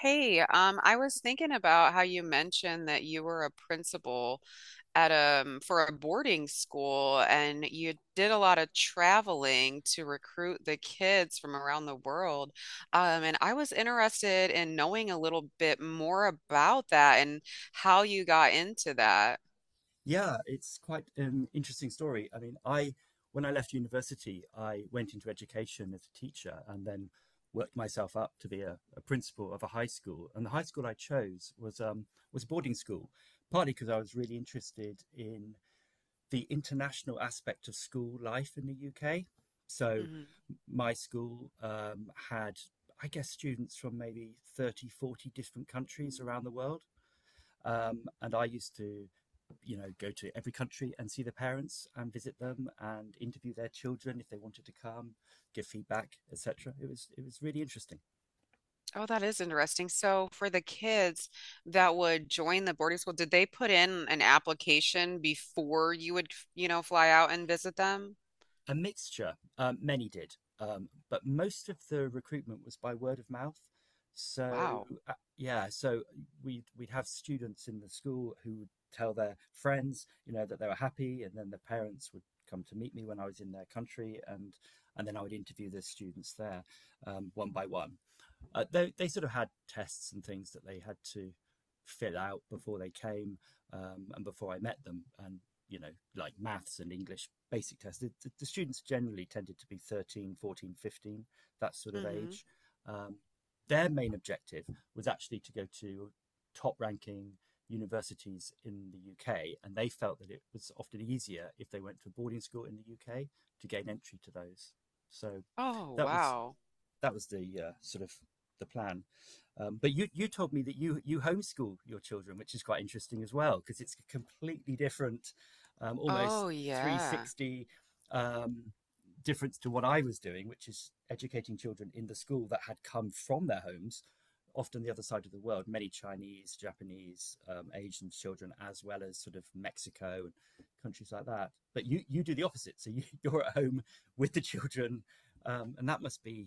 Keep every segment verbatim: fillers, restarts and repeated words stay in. Hey, um, I was thinking about how you mentioned that you were a principal at um for a boarding school and you did a lot of traveling to recruit the kids from around the world. Um, and I was interested in knowing a little bit more about that and how you got into that. Yeah, it's quite an interesting story. I mean, I when I left university, I went into education as a teacher and then worked myself up to be a, a principal of a high school. And the high school I chose was um, was a boarding school, partly because I was really interested in the international aspect of school life in the U K. So Mhm. my school um, had, I guess, students from maybe thirty, forty different countries around the world. Um, and I used to you know, go to every country and see the parents and visit them and interview their children if they wanted to come, give feedback, et cetera. It was it was really interesting. Oh, that is interesting. So for the kids that would join the boarding school, did they put in an application before you would, you know, fly out and visit them? A mixture. Um, many did, um, but most of the recruitment was by word of mouth. So, Wow. uh, yeah, so we'd we'd have students in the school who would tell their friends, you know, that they were happy, and then the parents would come to meet me when I was in their country, and and then I would interview the students there um, one by one. Uh, they they sort of had tests and things that they had to fill out before they came um, and before I met them, and you know, like maths and English basic tests. The, the, the students generally tended to be thirteen, fourteen, fifteen, that sort of Hmm. age. Um, their main objective was actually to go to top ranking universities in the U K, and they felt that it was often easier if they went to a boarding school in the U K to gain entry to those. So Oh, that was wow. that was the uh, sort of the plan. Um, but you you told me that you you homeschool your children, which is quite interesting as well, because it's a completely different, um, almost Oh, yeah. three sixty um, difference to what I was doing, which is educating children in the school that had come from their homes, often the other side of the world, many Chinese, Japanese, um, Asian children, as well as sort of Mexico and countries like that. But you you do the opposite, so you, you're at home with the children, um, and that must be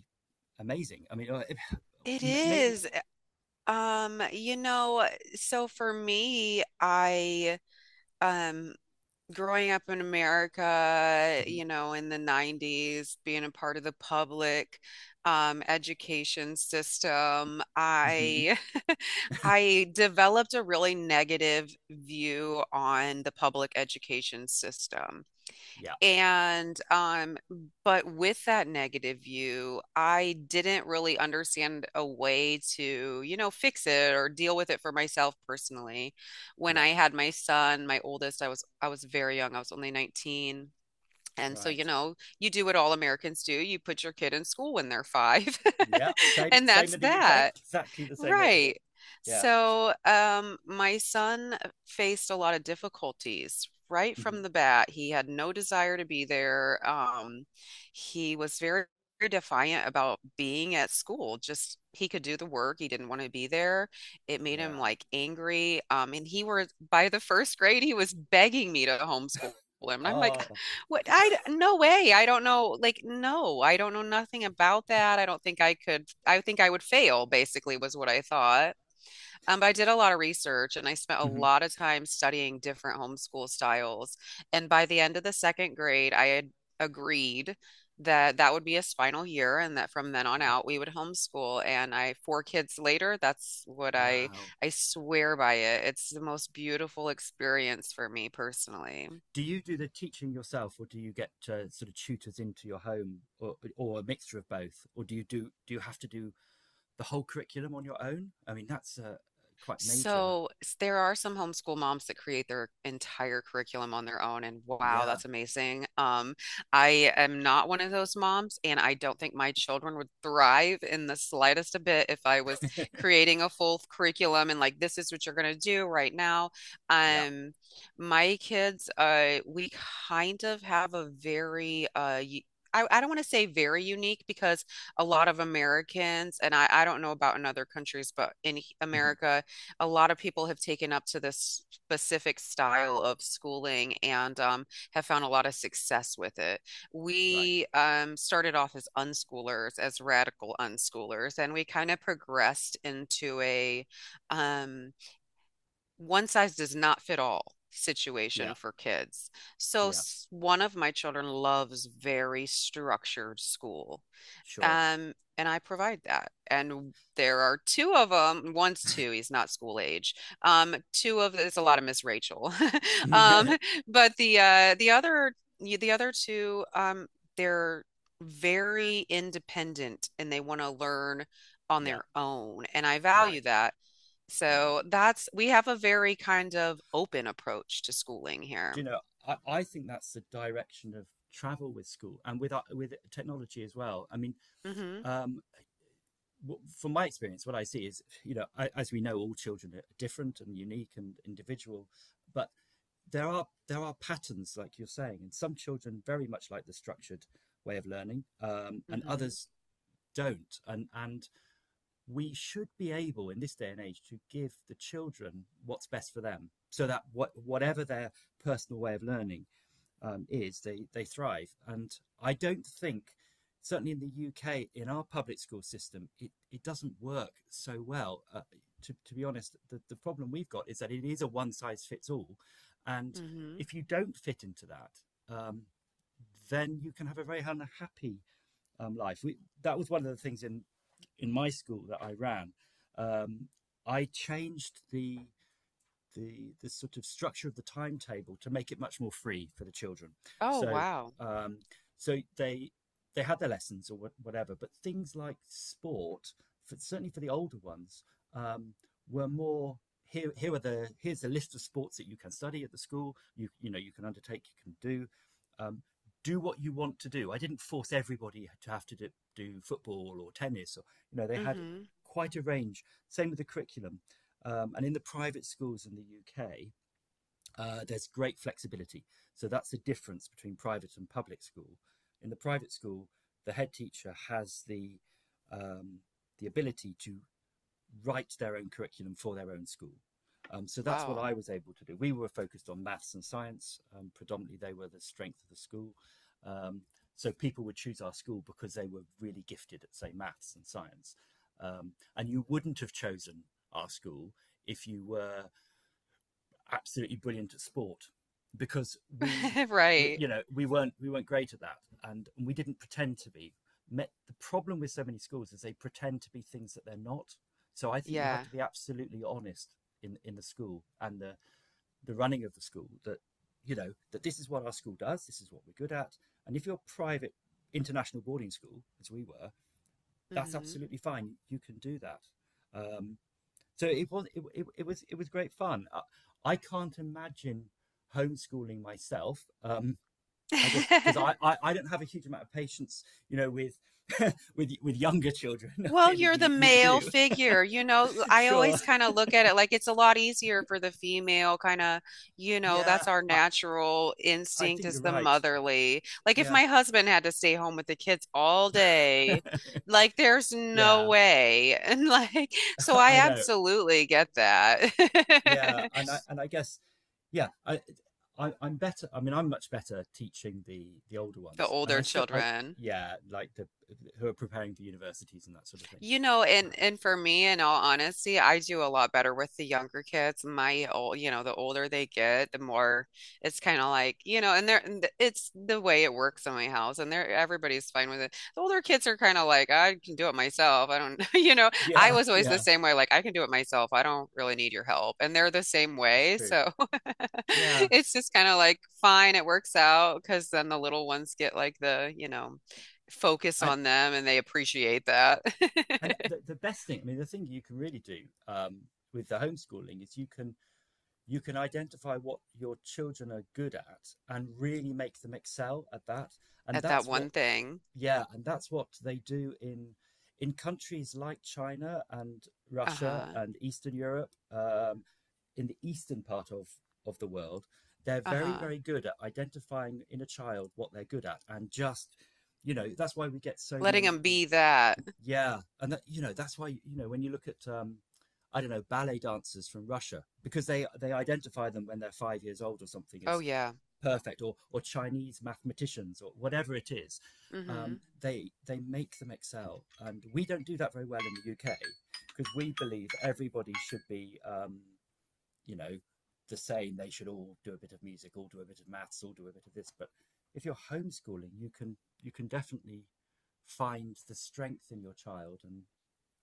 amazing. I mean, uh, It m- maybe. is. eh, Um, you know, so for me, I um growing up in America, Mhm, you know, in the nineties, being a part of the public um education system, mhm. I I developed a really negative view on the public education system. Yeah, And um, but with that negative view, I didn't really understand a way to, you know, fix it or deal with it for myself personally. When yeah, I had my son, my oldest, I was I was very young. I was only nineteen. And so, you right. know, you do what all Americans do. You put your kid in school when they're five. Yeah, same, And same that's in the U K. that. Exactly the same over here. Right. Yeah, So, um, my son faced a lot of difficulties right mhm, from the bat. He had no desire to be there. Um, he was very defiant about being at school. Just he could do the work. He didn't want to be there. It made him yeah. like angry. Um, and he were by the first grade, he was begging me to homeschool him. And I'm like, Oh, what I no way. I don't know. Like, no, I don't know nothing about that. I don't think I could. I think I would fail, basically, was what I thought. Um, but I did a lot of research and I spent a mhm, lot of time studying different homeschool styles. And by the end of the second grade, I had agreed that that would be his final year and that from then on yeah. out we would homeschool. And I, four kids later, that's what I, Wow. I swear by it. It's the most beautiful experience for me personally. Do you do the teaching yourself, or do you get uh, sort of tutors into your home, or or a mixture of both, or do you do do you have to do the whole curriculum on your own? I mean, that's uh, quite major. So s- there are some homeschool moms that create their entire curriculum on their own, and wow, Yeah, that's amazing. Um, I am not one of those moms, and I don't think my children would thrive in the slightest a bit if I was creating a full curriculum and like this is what you're gonna do right now. yeah. Um, my kids, uh, we kind of have a very uh. y- I, I don't want to say very unique because a lot of Americans, and I, I don't know about in other countries, but in Mhm, America, a lot of people have taken up to this specific style of schooling and um, have found a lot of success with it. right. We um, started off as unschoolers, as radical unschoolers, and we kind of progressed into a um, one size does not fit all Yeah, situation for kids. So yeah. s- one of my children loves very structured school. Sure. Um, and I provide that. And there are two of them. One's two, he's not school age. Um, two of it's a lot of Miss Rachel. Um, but the uh the other the other two, um, they're very independent and they want to learn on Yeah, their own. And I value right. that. Yeah. So that's we have a very kind of open approach to schooling Do you here. know, I, I think that's the direction of travel with school and with our- with technology as well. I mean, Hmm. um, w- from my experience, what I see is, you know, I, as we know, all children are different and unique and individual, but there are there are patterns, like you're saying, and some children very much like the structured way of learning, um, and Hmm. others don't. And and we should be able in this day and age to give the children what's best for them, so that what whatever their personal way of learning um, is, they they thrive. And I don't think, certainly in the U K, in our public school system, it, it doesn't work so well. Uh, to, to be honest, the, the problem we've got is that it is a one size fits all. And Hmm. if you don't fit into that, um, then you can have a very unhappy um, life. We, that was one of the things in, in my school that I ran. Um, I changed the the the sort of structure of the timetable to make it much more free for the children. Oh, So wow. um, so they they had their lessons or what- whatever, but things like sport, for, certainly for the older ones, um, were more. Here, here are the here's a list of sports that you can study at the school. You you know you can undertake, you can do. Um, do what you want to do. I didn't force everybody to have to do, do football or tennis. Or, you know, they had Hmm. quite a range. Same with the curriculum. Um, and in the private schools in the U K, uh, there's great flexibility. So that's the difference between private and public school. In the private school, the head teacher has the um, the ability to write their own curriculum for their own school. Um, so that's what Wow. I was able to do. We were focused on maths and science. Um, predominantly, they were the strength of the school. Um, so people would choose our school because they were really gifted at, say, maths and science. Um, and you wouldn't have chosen our school if you were absolutely brilliant at sport because we, we Right. you know we weren't we weren't great at that, and we didn't pretend to be. The problem with so many schools is they pretend to be things that they're not. So I think you have Yeah. to be absolutely honest in in the school and the the running of the school, that you know that this is what our school does, this is what we're good at. And if you're a private international boarding school, as we were, that's Hmm. absolutely fine. You can do that. um, so it was it, it, it was it was great fun. I, I can't imagine homeschooling myself. Um, I just, because I, I I don't have a huge amount of patience, you know, with with with younger children. Well, Clearly, you're the you, you male do. figure. You know, I Sure. always kind of look at it like it's a lot easier for the female, kind of, you know, Yeah. that's our I, natural I instinct think is you're the right. motherly. Like if Yeah. my husband had to stay home with the kids all day, like there's no Yeah. way. And like, so I I know. absolutely get that. Yeah. And I and I guess, yeah. I, I I'm better. I mean, I'm much better teaching the the older The ones, and I older still I children. yeah like the who are preparing for universities and that sort of thing. You know, and and for me, in all honesty, I do a lot better with the younger kids. My old, you know, the older they get, the more it's kind of like, you know, and they're and th- it's the way it works in my house, and they're everybody's fine with it. The older kids are kind of like, I can do it myself. I don't, you know, I Yeah, was always the yeah, same way, like I can do it myself. I don't really need your help, and they're the same it's way. true. So Yeah, it's just kind of like, fine, it works out, because then the little ones get like the, you know focus and on them and they appreciate that. and the, the best thing, I mean, the thing you can really do um, with the homeschooling is you can you can identify what your children are good at and really make them excel at that. And at that that's what one thing. Yeah, and that's what they do in in countries like China and Russia Uh-huh. and Eastern Europe, um, in the eastern part of of the world. They're very, Uh-huh. very good at identifying in a child what they're good at and just, you know, that's why we get so Letting many. them be that. Yeah, and that you know that's why you know when you look at, um, I don't know, ballet dancers from Russia, because they they identify them when they're five years old or something Oh, as yeah. perfect, or or Chinese mathematicians or whatever it is. Mm-hmm. Um, they they make them excel, and we don't do that very well in the U K because we believe everybody should be um, you know the same. They should all do a bit of music, all do a bit of maths, all do a bit of this. But if you're homeschooling, you can you can definitely find the strength in your child and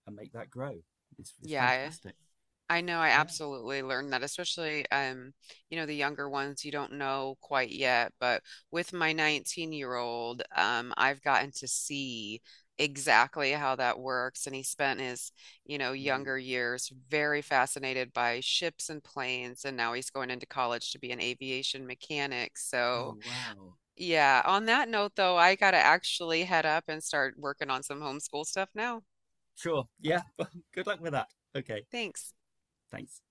and make that grow. It's it's Yeah. fantastic. I know I Yeah. absolutely learned that, especially um, you know, the younger ones you don't know quite yet, but with my nineteen-year-old, um, I've gotten to see exactly how that works. And he spent his, you know, Mm. younger years very fascinated by ships and planes, and now he's going into college to be an aviation mechanic. Oh, So wow. yeah, on that note though, I gotta actually head up and start working on some homeschool stuff now. Sure. Yeah. Good luck with that. Okay. Thanks. Thanks.